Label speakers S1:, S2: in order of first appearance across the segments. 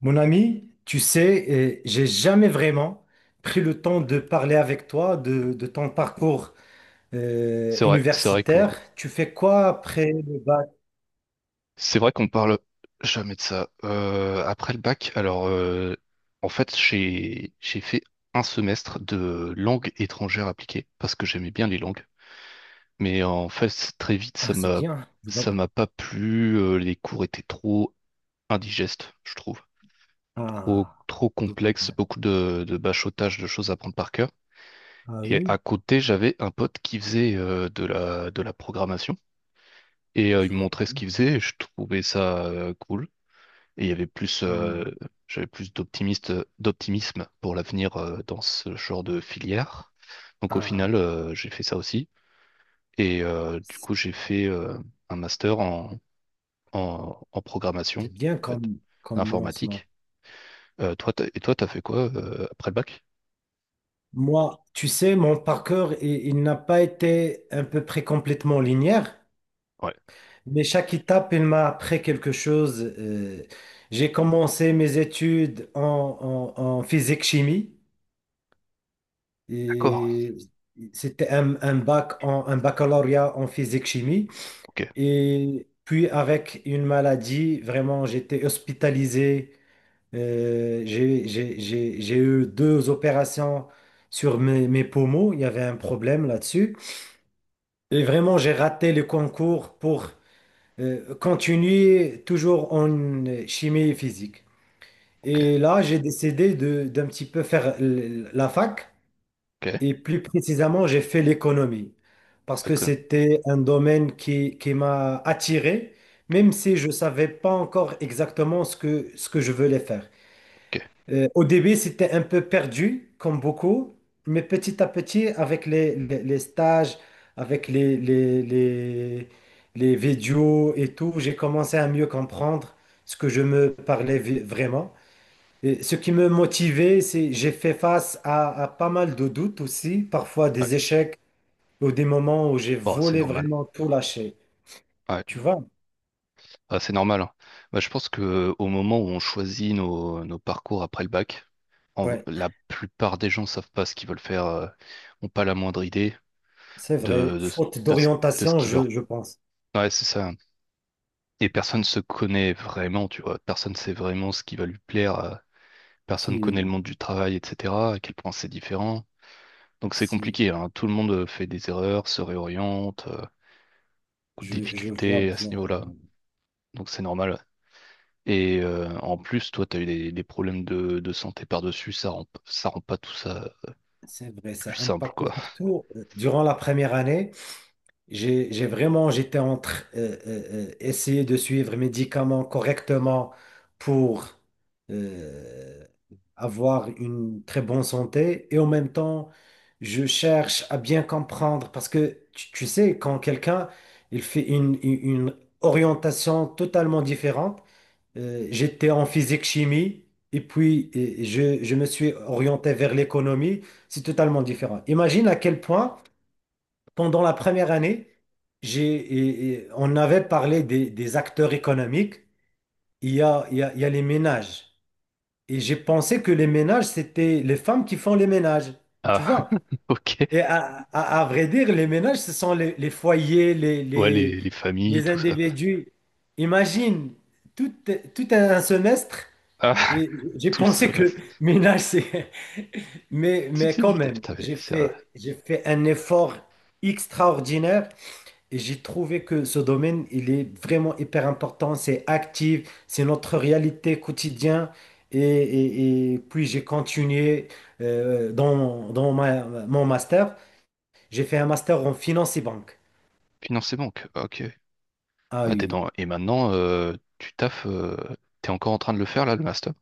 S1: Mon ami, tu sais, j'ai jamais vraiment pris le temps de parler avec toi de ton parcours
S2: C'est vrai, c'est vrai que
S1: universitaire. Tu fais quoi après le bac?
S2: c'est vrai qu'on parle jamais de ça. Après le bac, alors en fait j'ai fait un semestre de langue étrangère appliquée parce que j'aimais bien les langues, mais en fait très vite
S1: Ah,
S2: ça
S1: c'est
S2: m'a
S1: bien. Je
S2: ça
S1: vois.
S2: m'a pas plu. Les cours étaient trop indigestes, je trouve, trop
S1: Ah,
S2: trop
S1: je vois
S2: complexes,
S1: bien.
S2: beaucoup de bachotage, de choses à prendre par cœur.
S1: Ah
S2: Et
S1: oui,
S2: à côté j'avais un pote qui faisait de la programmation. Et il
S1: je
S2: me
S1: vois.
S2: montrait ce qu'il faisait, et je trouvais ça cool. Et il y avait plus,
S1: Ah,
S2: j'avais plus d'optimisme pour l'avenir dans ce genre de filière. Donc au
S1: ah,
S2: final, j'ai fait ça aussi. Et du coup, j'ai fait un master en programmation,
S1: c'est bien
S2: en fait,
S1: comme lancement.
S2: informatique. Toi, et toi, t'as fait quoi après le bac?
S1: Moi, tu sais, mon parcours, il n'a pas été à peu près complètement linéaire.
S2: Ouais,
S1: Mais chaque étape, elle m'a appris quelque chose. J'ai commencé mes études en physique-chimie.
S2: d'accord.
S1: Et c'était un bac en, un baccalauréat en physique-chimie.
S2: Ok,
S1: Et puis avec une maladie, vraiment, j'étais hospitalisé. J'ai eu deux opérations sur mes poumons. Il y avait un problème là-dessus. Et vraiment, j'ai raté le concours pour continue toujours en chimie et physique.
S2: ok,
S1: Et là, j'ai décidé d'un petit peu faire la fac
S2: ok,
S1: et plus précisément, j'ai fait l'économie parce que
S2: d'accord,
S1: c'était un domaine qui m'a attiré, même si je ne savais pas encore exactement ce que je voulais faire.
S2: ok.
S1: Au début, c'était un peu perdu, comme beaucoup, mais petit à petit, avec les stages, avec les vidéos et tout, j'ai commencé à mieux comprendre ce que je me parlais vraiment. Et ce qui me motivait, c'est j'ai fait face à pas mal de doutes aussi, parfois
S2: Ouais,
S1: des échecs ou des moments où j'ai
S2: bon, c'est
S1: voulu
S2: normal.
S1: vraiment tout lâcher.
S2: Ouais.
S1: Tu vois?
S2: Ah, c'est normal, hein. Bah, je pense que au moment où on choisit nos parcours après le bac,
S1: Ouais,
S2: la plupart des gens savent pas ce qu'ils veulent faire, ont pas la moindre idée
S1: c'est vrai.
S2: de, de, ce
S1: Faute
S2: de ce- de ce
S1: d'orientation,
S2: qui leur.
S1: je pense.
S2: Ouais, c'est ça, hein. Et personne se connaît vraiment, tu vois. Personne sait vraiment ce qui va lui plaire.
S1: Si,
S2: Personne connaît le monde du travail, etc. À quel point c'est différent. Donc c'est
S1: si.
S2: compliqué, hein. Tout le monde fait des erreurs, se réoriente, beaucoup de
S1: Je vois
S2: difficultés à ce
S1: bien,
S2: niveau-là.
S1: oui.
S2: Donc c'est normal. Et en plus, toi, t'as eu des problèmes de santé par-dessus, ça rend pas tout ça
S1: C'est vrai,
S2: plus
S1: ça
S2: simple,
S1: impacte
S2: quoi.
S1: surtout durant la première année. J'ai vraiment, j'étais entre essayer de suivre les médicaments correctement pour euh, avoir une très bonne santé et en même temps, je cherche à bien comprendre parce que tu sais, quand quelqu'un il fait une orientation totalement différente. J'étais en physique chimie et puis je me suis orienté vers l'économie. C'est totalement différent. Imagine à quel point, pendant la première année, et on avait parlé des acteurs économiques. Il y a les ménages. Et j'ai pensé que les ménages, c'était les femmes qui font les ménages. Tu
S2: Ah,
S1: vois?
S2: ok.
S1: Et à vrai dire, les ménages, ce sont les foyers,
S2: Ouais, les familles,
S1: les
S2: tout ça, quoi.
S1: individus. Imagine, tout, tout un semestre.
S2: Ah,
S1: Et j'ai
S2: tout le
S1: pensé que
S2: semestre.
S1: ménage, c'est... Mais,
S2: Tu
S1: mais
S2: sais,
S1: quand même,
S2: putain, mais c'est
S1: j'ai fait un effort extraordinaire et j'ai trouvé que ce domaine, il est vraiment hyper important, c'est actif, c'est notre réalité quotidienne. Et puis j'ai continué dans mon master. J'ai fait un master en finance et banque.
S2: financer banque. Ah, ok.
S1: Ah
S2: Ouais, t'es
S1: oui,
S2: dans. Et maintenant, tu taffes. T'es encore en train de le faire, là, le master?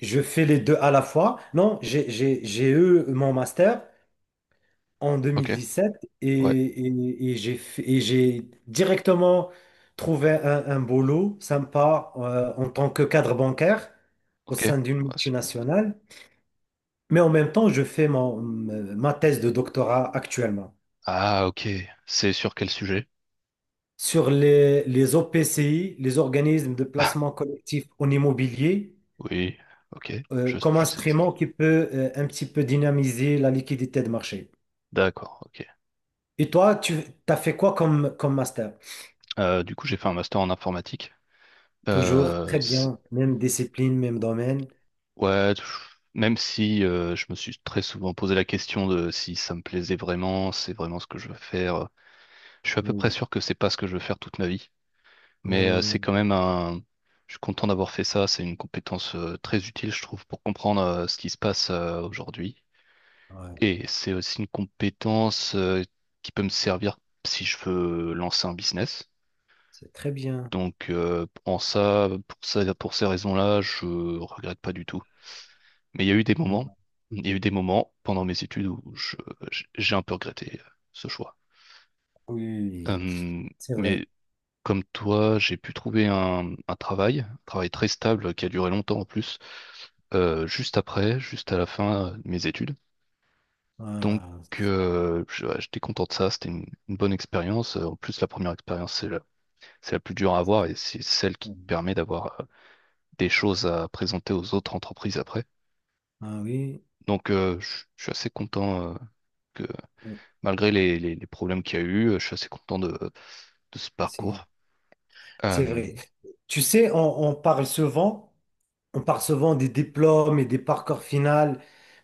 S1: je fais les deux à la fois. Non, j'ai eu mon master en
S2: Ok.
S1: 2017 et,
S2: Ouais.
S1: et et j'ai directement trouvé un boulot sympa en tant que cadre bancaire au
S2: Ok. Ouais,
S1: sein d'une
S2: c'est cool.
S1: multinationale. Mais en même temps, je fais ma thèse de doctorat actuellement
S2: Ah, ok. C'est sur quel sujet?
S1: sur les OPCI, les organismes de
S2: Ah,
S1: placement collectif en immobilier,
S2: oui. Ok.
S1: comme
S2: Je sais pas ce que c'est.
S1: instrument qui peut un petit peu dynamiser la liquidité de marché.
S2: D'accord. Ok.
S1: Et toi, tu as fait quoi comme, comme master?
S2: Du coup, j'ai fait un master en informatique.
S1: Toujours
S2: Euh,
S1: très
S2: c'est-
S1: bien, même discipline, même domaine.
S2: ouais, pff, même si je me suis très souvent posé la question de si ça me plaisait vraiment, c'est vraiment ce que je veux faire. Je suis à peu près
S1: Oui,
S2: sûr que c'est pas ce que je veux faire toute ma vie, mais c'est
S1: oui,
S2: quand même un. Je suis content d'avoir fait ça. C'est une compétence très utile, je trouve, pour comprendre ce qui se passe aujourd'hui.
S1: ouais,
S2: Et c'est aussi une compétence qui peut me servir si je veux lancer un business.
S1: c'est très bien.
S2: Donc, pour ça, pour ces raisons-là, je regrette pas du tout. Mais il y a eu des
S1: Oui,
S2: moments, il y a eu des moments pendant mes études j'ai un peu regretté ce choix.
S1: oui,
S2: Euh,
S1: c'est vrai.
S2: mais comme toi, j'ai pu trouver un travail très stable qui a duré longtemps en plus, juste à la fin de mes études. Donc,
S1: Ah,
S2: ouais, j'étais content de ça, c'était une bonne expérience. En plus, la première expérience, c'est la plus dure à avoir et c'est celle qui te
S1: c'est-
S2: permet d'avoir des choses à présenter aux autres entreprises après.
S1: ah oui,
S2: Donc, je suis assez content. Malgré les problèmes qu'il y a eu, je suis assez content de ce
S1: c'est
S2: parcours.
S1: c'est
S2: Euh,
S1: vrai. Tu sais, on parle souvent, on parle souvent des diplômes et des parcours finaux,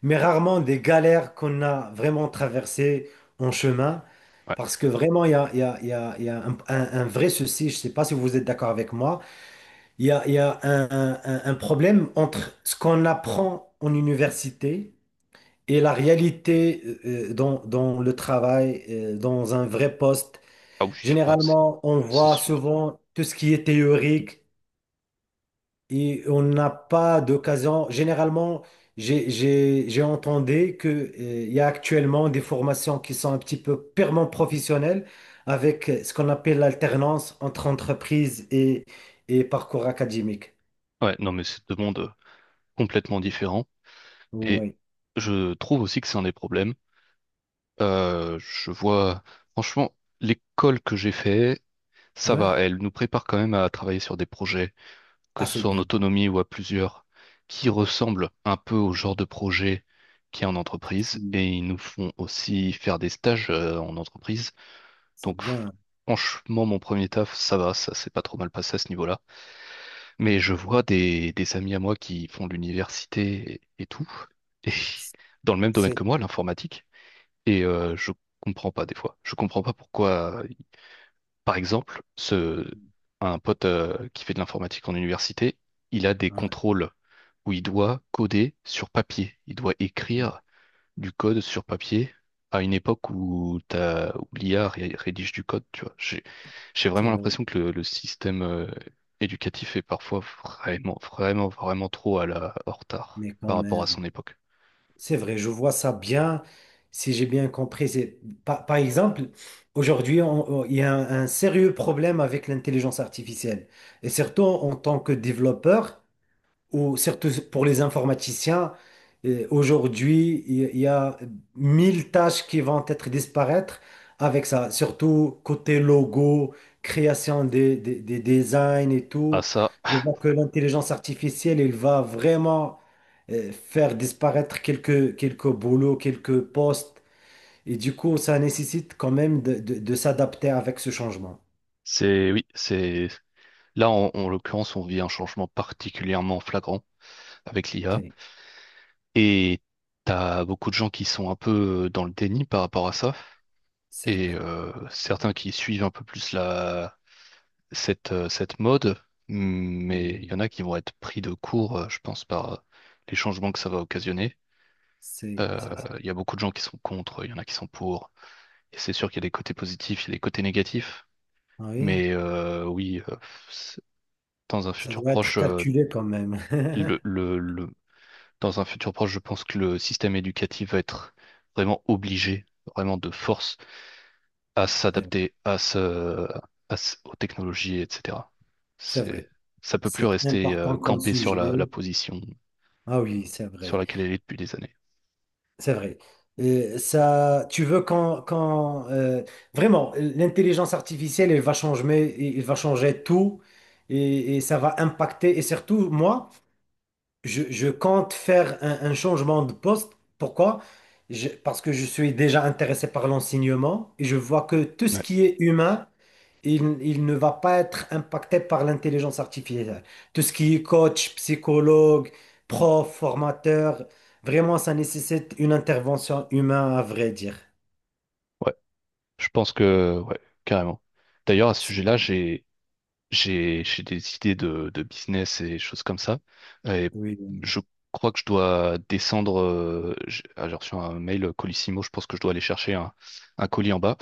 S1: mais rarement des galères qu'on a vraiment traversées en chemin,
S2: ouais.
S1: parce que vraiment, il y a, il y a- il y a- il y a un vrai souci, je ne sais pas si vous êtes d'accord avec moi. Il y a un problème entre ce qu'on apprend en université et la réalité dans le travail, dans un vrai poste.
S2: Ah oui, ah,
S1: Généralement, on
S2: c'est
S1: voit
S2: sûr.
S1: souvent tout ce qui est théorique et on n'a pas d'occasion. Généralement, j'ai entendu que, il y a actuellement des formations qui sont un petit peu purement professionnelles avec ce qu'on appelle l'alternance entre entreprise et parcours académique.
S2: Ouais, non, mais c'est deux mondes complètement différents. Et
S1: Oui.
S2: je trouve aussi que c'est un des problèmes. Je vois, franchement, l'école que j'ai fait, ça
S1: Ouais.
S2: va, elle nous prépare quand même à travailler sur des projets, que
S1: Ah,
S2: ce
S1: c'est
S2: soit en
S1: bien.
S2: autonomie ou à plusieurs, qui ressemblent un peu au genre de projet qu'il y a en
S1: C'est
S2: entreprise. Et ils nous font aussi faire des stages en entreprise.
S1: c'est
S2: Donc,
S1: bien.
S2: franchement, mon premier taf, ça va, ça s'est pas trop mal passé à ce niveau-là. Mais je vois des amis à moi qui font de l'université et tout, et dans le même domaine
S1: C'est
S2: que moi, l'informatique. Et je comprends pas des fois. Je comprends pas pourquoi, par exemple, un pote qui fait de l'informatique en université, il a des
S1: ouais,
S2: contrôles où il doit coder sur papier. Il doit écrire du code sur papier à une époque où t'as, où l'IA ré- rédige du code, tu vois. J'ai
S1: c'est
S2: vraiment
S1: vrai.
S2: l'impression que le système éducatif est parfois vraiment, vraiment, vraiment trop à la, en retard
S1: Mais quand
S2: par rapport à
S1: même,
S2: son époque.
S1: c'est vrai, je vois ça bien. Si j'ai bien compris, c'est par exemple, aujourd'hui, il y a un sérieux problème avec l'intelligence artificielle. Et surtout en tant que développeur, ou surtout pour les informaticiens, aujourd'hui, il y a 1000 tâches qui vont être disparaître avec ça, surtout côté logo, création des designs et
S2: Ah
S1: tout.
S2: ça,
S1: Je vois que l'intelligence artificielle, elle va vraiment faire disparaître quelques, quelques boulots, quelques postes. Et du coup, ça nécessite quand même de s'adapter avec ce changement.
S2: oui, là, en l'occurrence, on vit un changement particulièrement flagrant avec l'IA
S1: C'est
S2: et t'as beaucoup de gens qui sont un peu dans le déni par rapport à ça.
S1: c'est
S2: Et
S1: vrai.
S2: certains qui suivent un peu plus cette, cette mode, mm, mais il
S1: Mm.
S2: y en a qui vont être pris de court, je pense, par les changements que ça va occasionner. Euh,
S1: C'est-
S2: Il y a beaucoup de gens qui sont contre, il y en a qui sont pour. Et c'est sûr qu'il y a des côtés positifs, il y a des côtés négatifs.
S1: Ah oui.
S2: Mais oui, c'est- dans un
S1: Ça
S2: futur
S1: doit être
S2: proche,
S1: calculé quand même.
S2: le, le, le- dans un futur proche, je pense que le système éducatif va être vraiment obligé, vraiment de force à
S1: C'est vrai.
S2: s'adapter à aux technologies, etc.
S1: C'est
S2: C'est,
S1: vrai.
S2: Ça peut plus
S1: C'est
S2: rester
S1: important comme
S2: campé sur
S1: sujet.
S2: la position
S1: Ah oui, c'est
S2: sur
S1: vrai.
S2: laquelle elle est depuis des années.
S1: C'est vrai. Ça, tu veux quand, vraiment, l'intelligence artificielle, elle va changer tout et, ça va impacter. Et surtout, moi, je compte faire un changement de poste. Pourquoi? Parce que je suis déjà intéressé par l'enseignement et je vois que tout ce
S2: Ouais,
S1: qui est humain, il ne va pas être impacté par l'intelligence artificielle. Tout ce qui est coach, psychologue, prof, formateur, vraiment, ça nécessite une intervention humaine, à vrai dire.
S2: ouais, je pense que ouais, carrément. D'ailleurs, à ce
S1: C'est-
S2: sujet-là, j'ai des idées de business et choses comme ça. Et
S1: Oui.
S2: je crois que je dois descendre. J'ai reçu un mail Colissimo. Je pense que je dois aller chercher un colis en bas.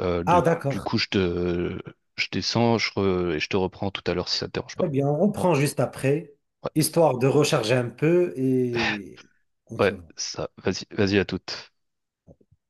S1: Ah,
S2: Du
S1: d'accord.
S2: coup, je descends, et je te reprends tout à l'heure si ça te dérange
S1: Très
S2: pas.
S1: bien, on reprend juste après,
S2: Ouais,
S1: histoire de recharger un peu et on se
S2: ouais,
S1: voit.
S2: ça. Vas-y, vas-y à toute.